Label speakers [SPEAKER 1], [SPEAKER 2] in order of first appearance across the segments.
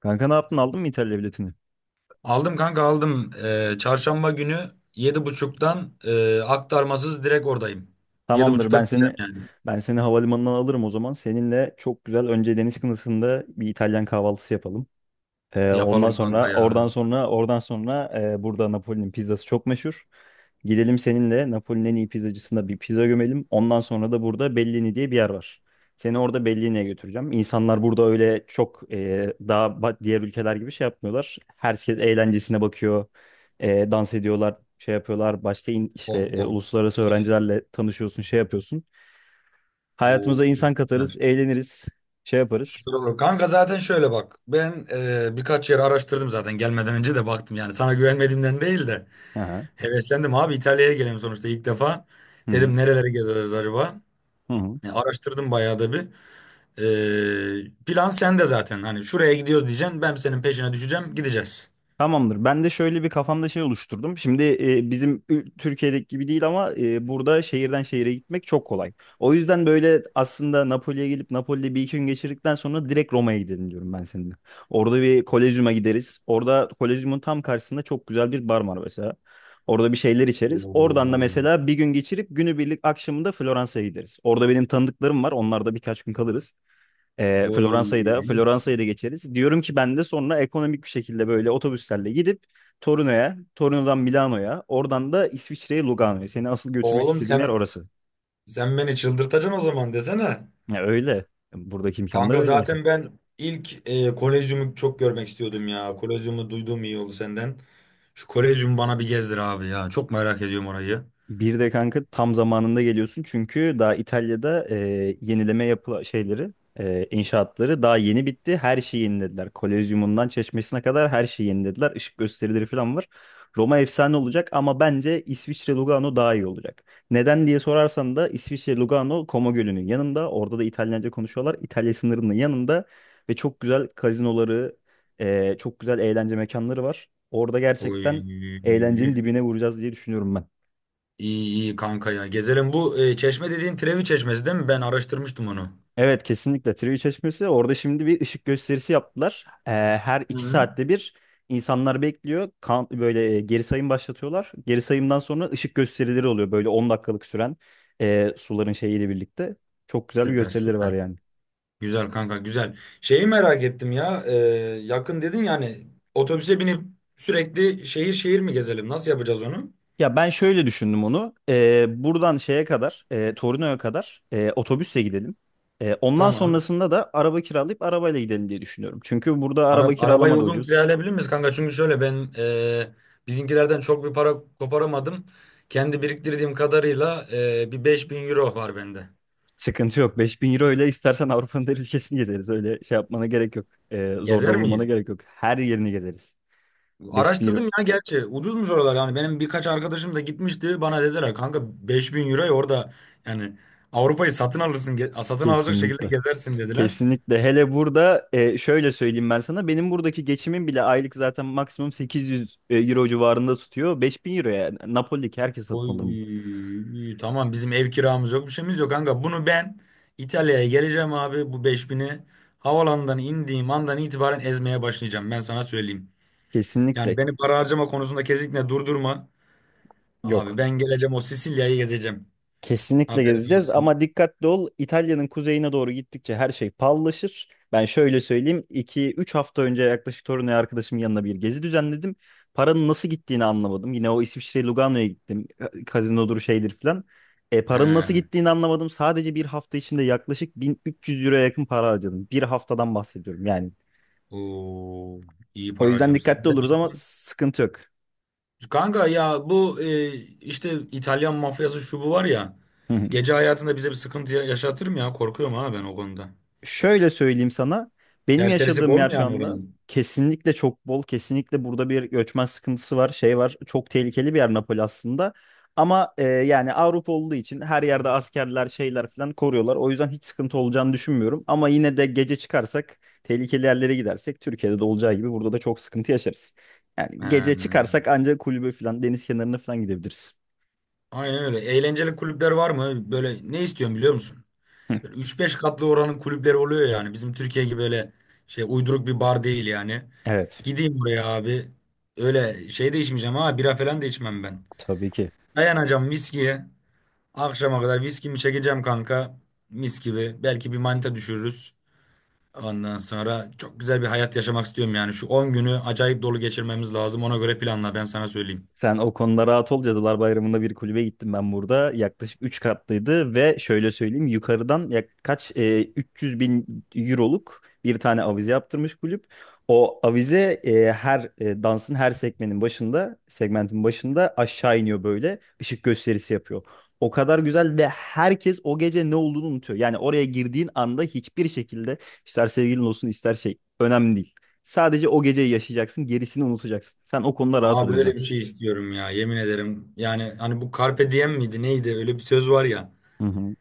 [SPEAKER 1] Kanka ne yaptın? Aldın mı İtalya biletini?
[SPEAKER 2] Aldım kanka aldım. Çarşamba günü 7:30'dan aktarmasız direkt oradayım. Yedi
[SPEAKER 1] Tamamdır.
[SPEAKER 2] buçukta
[SPEAKER 1] Ben
[SPEAKER 2] biteceğim
[SPEAKER 1] seni
[SPEAKER 2] yani.
[SPEAKER 1] ben seni havalimanından alırım o zaman. Seninle çok güzel önce deniz kıyısında bir İtalyan kahvaltısı yapalım. Ondan
[SPEAKER 2] Yapalım
[SPEAKER 1] sonra
[SPEAKER 2] kanka ya.
[SPEAKER 1] burada Napoli'nin pizzası çok meşhur. Gidelim seninle Napoli'nin en iyi pizzacısında bir pizza gömelim. Ondan sonra da burada Bellini diye bir yer var. Seni orada Bellini'ye götüreceğim. İnsanlar burada öyle çok diğer ülkeler gibi şey yapmıyorlar. Herkes eğlencesine bakıyor. Dans ediyorlar, şey yapıyorlar. Başka in- işte
[SPEAKER 2] Oh oh.
[SPEAKER 1] uluslararası
[SPEAKER 2] Müthiş.
[SPEAKER 1] öğrencilerle tanışıyorsun, şey yapıyorsun. Hayatımıza
[SPEAKER 2] Oo,
[SPEAKER 1] insan katarız,
[SPEAKER 2] süper.
[SPEAKER 1] eğleniriz, şey yaparız.
[SPEAKER 2] Süper olur. Kanka zaten şöyle bak. Ben birkaç yer araştırdım, zaten gelmeden önce de baktım yani. Sana güvenmediğimden değil de
[SPEAKER 1] Aha.
[SPEAKER 2] heveslendim abi, İtalya'ya gelelim sonuçta ilk defa.
[SPEAKER 1] Hı hı.
[SPEAKER 2] Dedim nereleri gezeriz acaba?
[SPEAKER 1] Hı hı.
[SPEAKER 2] Araştırdım bayağı da bir. Plan sende zaten. Hani şuraya gidiyoruz diyeceksin. Ben senin peşine düşeceğim. Gideceğiz.
[SPEAKER 1] Tamamdır. Ben de şöyle bir kafamda şey oluşturdum. Şimdi Türkiye'deki gibi değil ama burada şehirden şehire gitmek çok kolay. O yüzden böyle aslında Napoli'ye gelip Napoli'de bir iki gün geçirdikten sonra direkt Roma'ya gidelim diyorum ben seninle. Orada bir Kolezyum'a gideriz. Orada Kolezyum'un tam karşısında çok güzel bir bar var mesela. Orada bir şeyler içeriz. Oradan da
[SPEAKER 2] Oo.
[SPEAKER 1] mesela bir gün geçirip günübirlik akşamında Floransa'ya gideriz. Orada benim tanıdıklarım var. Onlarda birkaç gün kalırız.
[SPEAKER 2] Oy.
[SPEAKER 1] Floransa'yı da geçeriz. Diyorum ki ben de sonra ekonomik bir şekilde böyle otobüslerle gidip Torino'ya, Torino'dan Milano'ya, oradan da İsviçre'ye, Lugano'ya. Seni asıl götürmek
[SPEAKER 2] Oğlum,
[SPEAKER 1] istediğim yer
[SPEAKER 2] sen
[SPEAKER 1] orası.
[SPEAKER 2] sen beni çıldırtacaksın o zaman desene.
[SPEAKER 1] Ya öyle. Buradaki imkanlar
[SPEAKER 2] Kanka
[SPEAKER 1] öyle mesela.
[SPEAKER 2] zaten ben ilk Kolezyum'u çok görmek istiyordum ya. Kolezyum'u duyduğum iyi oldu senden. Şu Kolezyum bana bir gezdir abi ya. Çok merak ediyorum orayı.
[SPEAKER 1] Bir de kanka tam zamanında geliyorsun çünkü daha İtalya'da yenileme yapı şeyleri inşaatları daha yeni bitti. Her şeyi yenilediler. Kolezyumundan çeşmesine kadar her şeyi yenilediler. Işık gösterileri falan var. Roma efsane olacak ama bence İsviçre Lugano daha iyi olacak. Neden diye sorarsan da İsviçre Lugano Como Gölü'nün yanında. Orada da İtalyanca konuşuyorlar. İtalya sınırının yanında ve çok güzel kazinoları, çok güzel eğlence mekanları var. Orada
[SPEAKER 2] Oy.
[SPEAKER 1] gerçekten eğlencenin
[SPEAKER 2] İyi
[SPEAKER 1] dibine vuracağız diye düşünüyorum ben.
[SPEAKER 2] iyi kanka ya. Gezelim, bu çeşme dediğin Trevi Çeşmesi değil mi? Ben araştırmıştım onu.
[SPEAKER 1] Evet, kesinlikle Trivi Çeşmesi orada şimdi bir ışık gösterisi yaptılar. Her iki
[SPEAKER 2] Hı.
[SPEAKER 1] saatte bir insanlar bekliyor. Böyle geri sayım başlatıyorlar. Geri sayımdan sonra ışık gösterileri oluyor. Böyle 10 dakikalık süren suların şeyiyle birlikte. Çok güzel bir
[SPEAKER 2] Süper
[SPEAKER 1] gösterileri var
[SPEAKER 2] süper.
[SPEAKER 1] yani.
[SPEAKER 2] Güzel kanka güzel. Şeyi merak ettim ya. Yakın dedin yani, otobüse binip sürekli şehir şehir mi gezelim? Nasıl yapacağız onu?
[SPEAKER 1] Ya ben şöyle düşündüm onu. Buradan şeye kadar, Torino'ya kadar otobüsle gidelim. Ondan
[SPEAKER 2] Tamam.
[SPEAKER 1] sonrasında da araba kiralayıp arabayla gidelim diye düşünüyorum. Çünkü burada araba
[SPEAKER 2] Arabayı
[SPEAKER 1] kiralama da
[SPEAKER 2] uygun
[SPEAKER 1] ucuz.
[SPEAKER 2] kiralayabilir miyiz kanka? Çünkü şöyle, ben bizimkilerden çok bir para koparamadım. Kendi biriktirdiğim kadarıyla bir 5.000 euro var bende.
[SPEAKER 1] Sıkıntı yok. Beş bin euro ile istersen Avrupa'nın her ülkesini gezeriz. Öyle şey yapmana gerek yok. Zorda
[SPEAKER 2] Gezer
[SPEAKER 1] bulunmana
[SPEAKER 2] miyiz?
[SPEAKER 1] gerek yok. Her yerini gezeriz. Beş bin euro
[SPEAKER 2] Araştırdım ya gerçi. Ucuzmuş oralar yani. Benim birkaç arkadaşım da gitmişti. Bana dediler kanka, 5.000 euroya orada yani Avrupa'yı satın alırsın, satın alacak şekilde
[SPEAKER 1] kesinlikle.
[SPEAKER 2] gezersin dediler.
[SPEAKER 1] Kesinlikle. Hele burada şöyle söyleyeyim ben sana. Benim buradaki geçimim bile aylık zaten maksimum 800 euro civarında tutuyor. 5.000 euroya Napoli'deki herkes satın alır mı?
[SPEAKER 2] Oy, tamam, bizim ev kiramız yok, bir şeyimiz yok kanka. Bunu ben İtalya'ya geleceğim abi, bu 5.000'i havalandan indiğim andan itibaren ezmeye başlayacağım, ben sana söyleyeyim. Yani
[SPEAKER 1] Kesinlikle
[SPEAKER 2] beni para harcama konusunda kesinlikle durdurma. Abi
[SPEAKER 1] yok.
[SPEAKER 2] ben geleceğim, o Sicilya'yı gezeceğim.
[SPEAKER 1] Kesinlikle
[SPEAKER 2] Haberin
[SPEAKER 1] gezeceğiz
[SPEAKER 2] olsun.
[SPEAKER 1] ama dikkatli ol. İtalya'nın kuzeyine doğru gittikçe her şey pallaşır. Ben şöyle söyleyeyim. İki üç hafta önce yaklaşık Torino'ya arkadaşımın yanına bir gezi düzenledim. Paranın nasıl gittiğini anlamadım. Yine o İsviçre Lugano'ya gittim. Kazinodur şeydir filan.
[SPEAKER 2] He.
[SPEAKER 1] Paranın nasıl gittiğini anlamadım. Sadece bir hafta içinde yaklaşık 1.300 euroya yakın para harcadım. Bir haftadan bahsediyorum yani.
[SPEAKER 2] Oo, iyi
[SPEAKER 1] O
[SPEAKER 2] para
[SPEAKER 1] yüzden
[SPEAKER 2] harcamışsın.
[SPEAKER 1] dikkatli
[SPEAKER 2] Demek
[SPEAKER 1] oluruz ama
[SPEAKER 2] ki-
[SPEAKER 1] sıkıntı yok.
[SPEAKER 2] Kanka ya, bu işte İtalyan mafyası şu bu var ya. Gece hayatında bize bir sıkıntı yaşatır mı ya? Korkuyorum ha ben o konuda.
[SPEAKER 1] Şöyle söyleyeyim sana. Benim
[SPEAKER 2] Serserisi
[SPEAKER 1] yaşadığım
[SPEAKER 2] bol
[SPEAKER 1] yer
[SPEAKER 2] mu
[SPEAKER 1] şu
[SPEAKER 2] yani
[SPEAKER 1] anda
[SPEAKER 2] oranın?
[SPEAKER 1] kesinlikle çok bol. Kesinlikle burada bir göçmen sıkıntısı var. Şey var. Çok tehlikeli bir yer Napoli aslında. Ama yani Avrupa olduğu için her yerde askerler şeyler falan koruyorlar. O yüzden hiç sıkıntı olacağını düşünmüyorum. Ama yine de gece çıkarsak tehlikeli yerlere gidersek Türkiye'de de olacağı gibi burada da çok sıkıntı yaşarız. Yani gece
[SPEAKER 2] Ee,
[SPEAKER 1] çıkarsak ancak kulübe falan deniz kenarına falan gidebiliriz.
[SPEAKER 2] aynen öyle. Eğlenceli kulüpler var mı? Böyle ne istiyorum biliyor musun?
[SPEAKER 1] Hı.
[SPEAKER 2] Böyle 3-5 katlı oranın kulüpleri oluyor yani. Bizim Türkiye gibi böyle şey uyduruk bir bar değil yani.
[SPEAKER 1] Evet.
[SPEAKER 2] Gideyim oraya abi. Öyle şey de içmeyeceğim ha. Bira falan da içmem ben.
[SPEAKER 1] Tabii ki.
[SPEAKER 2] Dayanacağım viskiye. Akşama kadar viskimi çekeceğim kanka. Mis gibi. Belki bir manita düşürürüz. Ondan sonra çok güzel bir hayat yaşamak istiyorum yani. Şu 10 günü acayip dolu geçirmemiz lazım. Ona göre planla, ben sana söyleyeyim.
[SPEAKER 1] Sen o konuda rahat ol. Cadılar Bayramı'nda bir kulübe gittim ben burada. Yaklaşık 3 katlıydı ve şöyle söyleyeyim yukarıdan 300 bin euroluk bir tane avize yaptırmış kulüp. O avize her dansın her segmentin başında aşağı iniyor böyle ışık gösterisi yapıyor. O kadar güzel ve herkes o gece ne olduğunu unutuyor. Yani oraya girdiğin anda hiçbir şekilde ister sevgilin olsun ister şey önemli değil. Sadece o geceyi yaşayacaksın, gerisini unutacaksın. Sen o konuda rahat ol
[SPEAKER 2] Abi
[SPEAKER 1] o yüzden.
[SPEAKER 2] böyle bir şey istiyorum ya, yemin ederim. Yani hani bu Carpe diem miydi neydi, öyle bir söz var ya.
[SPEAKER 1] Hı hı.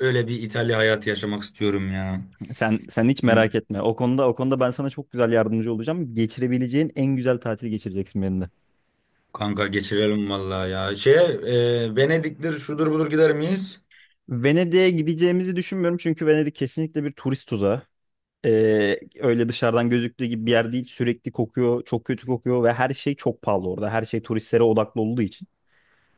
[SPEAKER 2] Öyle bir İtalya hayatı yaşamak istiyorum ya.
[SPEAKER 1] Sen hiç merak etme. O konuda ben sana çok güzel yardımcı olacağım. Geçirebileceğin en güzel tatili geçireceksin benimle.
[SPEAKER 2] Kanka geçirelim vallahi ya. Şeye, Venedik'tir şudur budur, gider miyiz?
[SPEAKER 1] Venedik'e gideceğimizi düşünmüyorum çünkü Venedik kesinlikle bir turist tuzağı. Öyle dışarıdan gözüktüğü gibi bir yer değil. Sürekli kokuyor, çok kötü kokuyor ve her şey çok pahalı orada. Her şey turistlere odaklı olduğu için.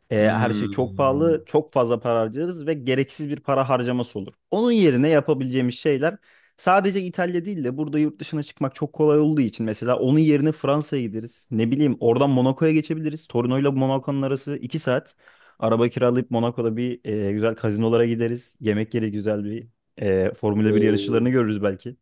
[SPEAKER 1] Her şey çok
[SPEAKER 2] Hmm.
[SPEAKER 1] pahalı, çok fazla para harcarız ve gereksiz bir para harcaması olur. Onun yerine yapabileceğimiz şeyler sadece İtalya değil de burada yurt dışına çıkmak çok kolay olduğu için mesela onun yerine Fransa'ya gideriz. Ne bileyim oradan Monaco'ya geçebiliriz. Torino'yla Monaco'nun arası 2 saat. Araba kiralayıp Monaco'da bir güzel kazinolara gideriz. Yemek yeri güzel bir Formula 1
[SPEAKER 2] Oo.
[SPEAKER 1] yarışçılarını görürüz belki.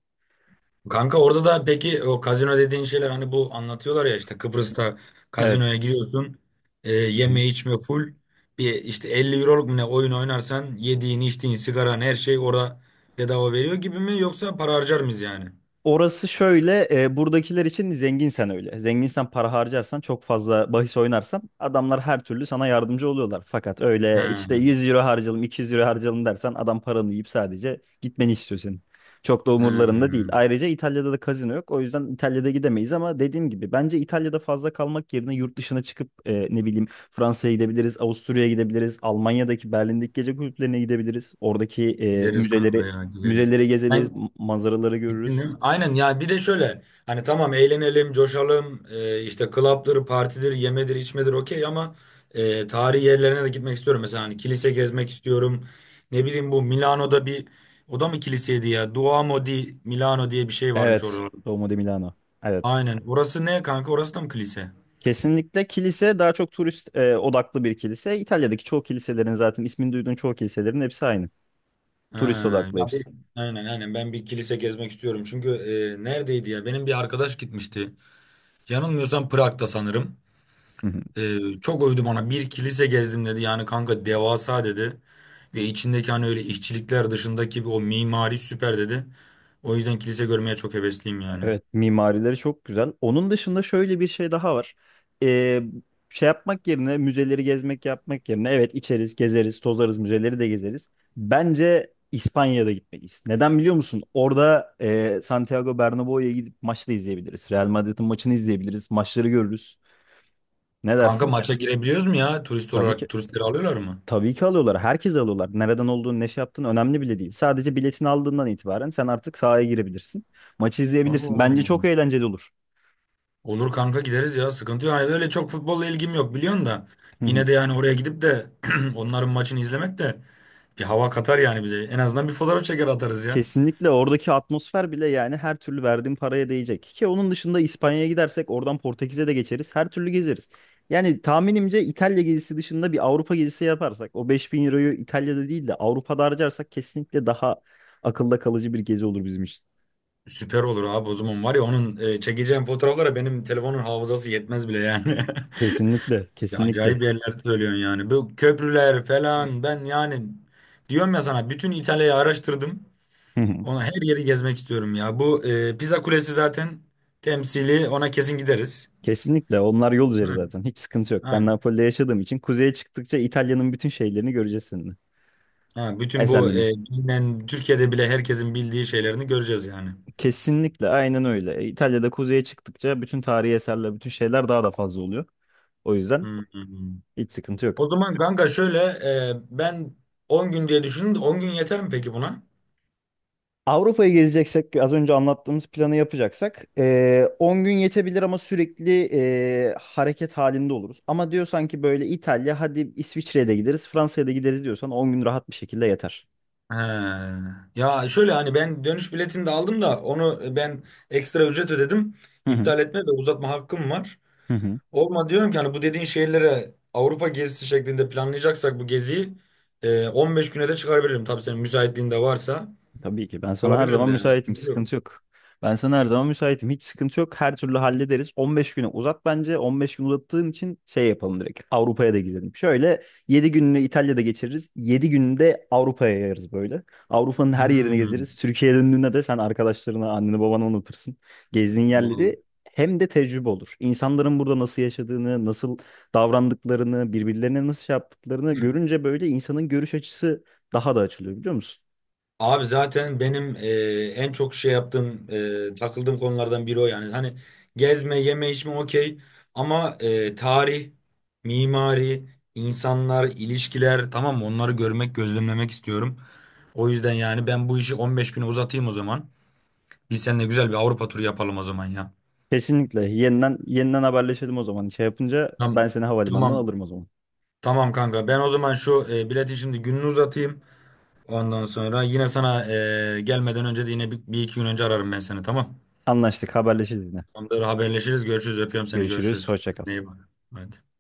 [SPEAKER 2] Kanka orada da peki o kazino dediğin şeyler, hani bu anlatıyorlar ya, işte Kıbrıs'ta
[SPEAKER 1] Evet.
[SPEAKER 2] kazinoya giriyorsun, yeme içme full bir, işte 50 euroluk mu ne oyun oynarsan yediğin içtiğin sigaran her şey orada bedava veriyor gibi mi, yoksa para harcar mıyız yani?
[SPEAKER 1] Orası şöyle, buradakiler için zenginsen öyle. Zenginsen para harcarsan, çok fazla bahis oynarsan adamlar her türlü sana yardımcı oluyorlar. Fakat
[SPEAKER 2] He,
[SPEAKER 1] öyle işte 100 euro harcayalım, 200 euro harcayalım dersen adam paranı yiyip sadece gitmeni istiyor senin. Çok da umurlarında değil.
[SPEAKER 2] he.
[SPEAKER 1] Ayrıca İtalya'da da kazino yok. O yüzden İtalya'da gidemeyiz ama dediğim gibi bence İtalya'da fazla kalmak yerine yurt dışına çıkıp ne bileyim Fransa'ya gidebiliriz, Avusturya'ya gidebiliriz, Almanya'daki Berlin'deki gece kulüplerine gidebiliriz. Oradaki
[SPEAKER 2] Gideriz kanka
[SPEAKER 1] müzeleri
[SPEAKER 2] ya, gideriz.
[SPEAKER 1] müzeleri
[SPEAKER 2] Sen,
[SPEAKER 1] gezeriz, manzaraları görürüz.
[SPEAKER 2] dinledim. Aynen ya, bir de şöyle, hani tamam, eğlenelim, coşalım, işte club'dır, partidir, yemedir, içmedir, okey ama tarihi yerlerine de gitmek istiyorum. Mesela hani kilise gezmek istiyorum. Ne bileyim, bu Milano'da bir, o da mı kiliseydi ya? Duomo di Milano diye bir şey varmış
[SPEAKER 1] Evet.
[SPEAKER 2] orada.
[SPEAKER 1] Duomo di Milano. Evet.
[SPEAKER 2] Aynen. Orası ne kanka? Orası da mı kilise?
[SPEAKER 1] Kesinlikle kilise daha çok turist odaklı bir kilise. İtalya'daki çoğu kiliselerin zaten ismini duyduğun çoğu kiliselerin hepsi aynı.
[SPEAKER 2] Ha,
[SPEAKER 1] Turist odaklı
[SPEAKER 2] ya
[SPEAKER 1] hepsi.
[SPEAKER 2] aynen aynen ben bir kilise gezmek istiyorum. Çünkü neredeydi ya? Benim bir arkadaş gitmişti. Yanılmıyorsam Prag'da sanırım.
[SPEAKER 1] Hı hı.
[SPEAKER 2] Çok övdü bana. Bir kilise gezdim dedi. Yani kanka devasa dedi. Ve içindeki hani öyle işçilikler dışındaki bir o mimari süper dedi. O yüzden kilise görmeye çok hevesliyim yani.
[SPEAKER 1] Evet, mimarileri çok güzel. Onun dışında şöyle bir şey daha var. Ee, Şey yapmak yerine müzeleri gezmek yapmak yerine evet içeriz, gezeriz, tozarız, müzeleri de gezeriz. Bence İspanya'da gitmeliyiz. Neden biliyor musun? Orada Santiago Bernabéu'ya gidip maçı da izleyebiliriz. Real Madrid'in maçını izleyebiliriz. Maçları görürüz. Ne
[SPEAKER 2] Kanka ya,
[SPEAKER 1] dersin?
[SPEAKER 2] maça girebiliyoruz mu ya? Turist
[SPEAKER 1] Tabii ki
[SPEAKER 2] olarak turistleri alıyorlar mı?
[SPEAKER 1] tabii ki alıyorlar. Herkes alıyorlar. Nereden olduğunu, ne şey yaptığın önemli bile değil. Sadece biletini aldığından itibaren sen artık sahaya girebilirsin. Maçı izleyebilirsin. Bence çok
[SPEAKER 2] Oo.
[SPEAKER 1] eğlenceli olur.
[SPEAKER 2] Olur kanka, gideriz ya. Sıkıntı yok. Hani öyle çok futbolla ilgim yok, biliyorsun da.
[SPEAKER 1] Hı hı.
[SPEAKER 2] Yine de yani oraya gidip de onların maçını izlemek de bir hava katar yani bize. En azından bir fotoğraf çeker atarız ya.
[SPEAKER 1] Kesinlikle oradaki atmosfer bile yani her türlü verdiğim paraya değecek. Ki onun dışında İspanya'ya gidersek oradan Portekiz'e de geçeriz. Her türlü gezeriz. Yani tahminimce İtalya gezisi dışında bir Avrupa gezisi yaparsak o 5.000 euroyu İtalya'da değil de Avrupa'da harcarsak kesinlikle daha akılda kalıcı bir gezi olur bizim için.
[SPEAKER 2] Süper olur abi, o zaman var ya onun çekeceğim fotoğraflara benim telefonun hafızası yetmez bile yani.
[SPEAKER 1] Kesinlikle,
[SPEAKER 2] Ya
[SPEAKER 1] kesinlikle.
[SPEAKER 2] acayip yerler söylüyorsun yani. Bu köprüler falan, ben yani diyorum ya sana, bütün İtalya'yı araştırdım. Ona, her yeri gezmek istiyorum ya. Bu Pisa Kulesi zaten temsili, ona kesin gideriz.
[SPEAKER 1] Kesinlikle onlar yol üzeri
[SPEAKER 2] Hı,
[SPEAKER 1] zaten hiç sıkıntı yok. Ben
[SPEAKER 2] aynen.
[SPEAKER 1] Napoli'de yaşadığım için kuzeye çıktıkça İtalya'nın bütün şeylerini göreceğiz seninle.
[SPEAKER 2] Ha, bütün bu
[SPEAKER 1] Eserlerini.
[SPEAKER 2] bilinen Türkiye'de bile herkesin bildiği şeylerini göreceğiz yani.
[SPEAKER 1] Kesinlikle aynen öyle. İtalya'da kuzeye çıktıkça bütün tarihi eserler, bütün şeyler daha da fazla oluyor. O
[SPEAKER 2] Hı,
[SPEAKER 1] yüzden
[SPEAKER 2] hı, hı.
[SPEAKER 1] hiç sıkıntı yok.
[SPEAKER 2] O zaman kanka şöyle, ben 10 gün diye düşündüm, de 10 gün yeter mi peki buna?
[SPEAKER 1] Avrupa'yı gezeceksek az önce anlattığımız planı yapacaksak 10 gün yetebilir ama sürekli hareket halinde oluruz. Ama diyor sanki böyle İtalya hadi İsviçre'ye de gideriz Fransa'ya da gideriz diyorsan 10 gün rahat bir şekilde yeter.
[SPEAKER 2] He. Ya şöyle, hani ben dönüş biletini de aldım da, onu ben ekstra ücret ödedim.
[SPEAKER 1] Hı hı.
[SPEAKER 2] İptal etme ve uzatma hakkım var.
[SPEAKER 1] Hı hı.
[SPEAKER 2] Olma diyorum ki hani, bu dediğin şehirlere Avrupa gezisi şeklinde planlayacaksak bu geziyi 15 güne de çıkarabilirim. Tabii senin müsaitliğin de varsa
[SPEAKER 1] Tabii ki. Ben sana her
[SPEAKER 2] kalabilirim
[SPEAKER 1] zaman
[SPEAKER 2] de, yani
[SPEAKER 1] müsaitim.
[SPEAKER 2] sıkıntı yok.
[SPEAKER 1] Sıkıntı yok. Ben sana her zaman müsaitim. Hiç sıkıntı yok. Her türlü hallederiz. 15 güne uzat bence. 15 gün uzattığın için şey yapalım direkt. Avrupa'ya da gidelim. Şöyle 7 gününü İtalya'da geçiririz. Yedi gününü de Avrupa'ya yayarız böyle. Avrupa'nın her yerini
[SPEAKER 2] Hmm.
[SPEAKER 1] gezeriz. Türkiye'ye döndüğünde de sen arkadaşlarına, anneni, babanı unutursun. Gezdiğin
[SPEAKER 2] Vallahi.
[SPEAKER 1] yerleri hem de tecrübe olur. İnsanların burada nasıl yaşadığını, nasıl davrandıklarını, birbirlerine nasıl şey yaptıklarını görünce böyle insanın görüş açısı daha da açılıyor biliyor musun?
[SPEAKER 2] Abi zaten benim en çok şey yaptığım, takıldığım konulardan biri o yani. Hani gezme, yeme, içme okey ama tarih, mimari, insanlar, ilişkiler, tamam mı? Onları görmek, gözlemlemek istiyorum. O yüzden yani ben bu işi 15 güne uzatayım o zaman. Biz seninle güzel bir Avrupa turu yapalım o zaman ya.
[SPEAKER 1] Kesinlikle. Yeniden yeniden haberleşelim o zaman. Şey yapınca
[SPEAKER 2] Tamam,
[SPEAKER 1] ben seni havalimanından
[SPEAKER 2] tamam,
[SPEAKER 1] alırım o zaman.
[SPEAKER 2] tamam kanka. Ben o zaman şu biletin şimdi gününü uzatayım. Ondan sonra yine sana gelmeden önce de yine bir iki gün önce ararım ben seni, tamam.
[SPEAKER 1] Anlaştık. Haberleşiriz yine.
[SPEAKER 2] Tamamdır, haberleşiriz. Görüşürüz. Öpüyorum seni.
[SPEAKER 1] Görüşürüz.
[SPEAKER 2] Görüşürüz.
[SPEAKER 1] Hoşça kal.
[SPEAKER 2] Kendine iyi bak. Hadi.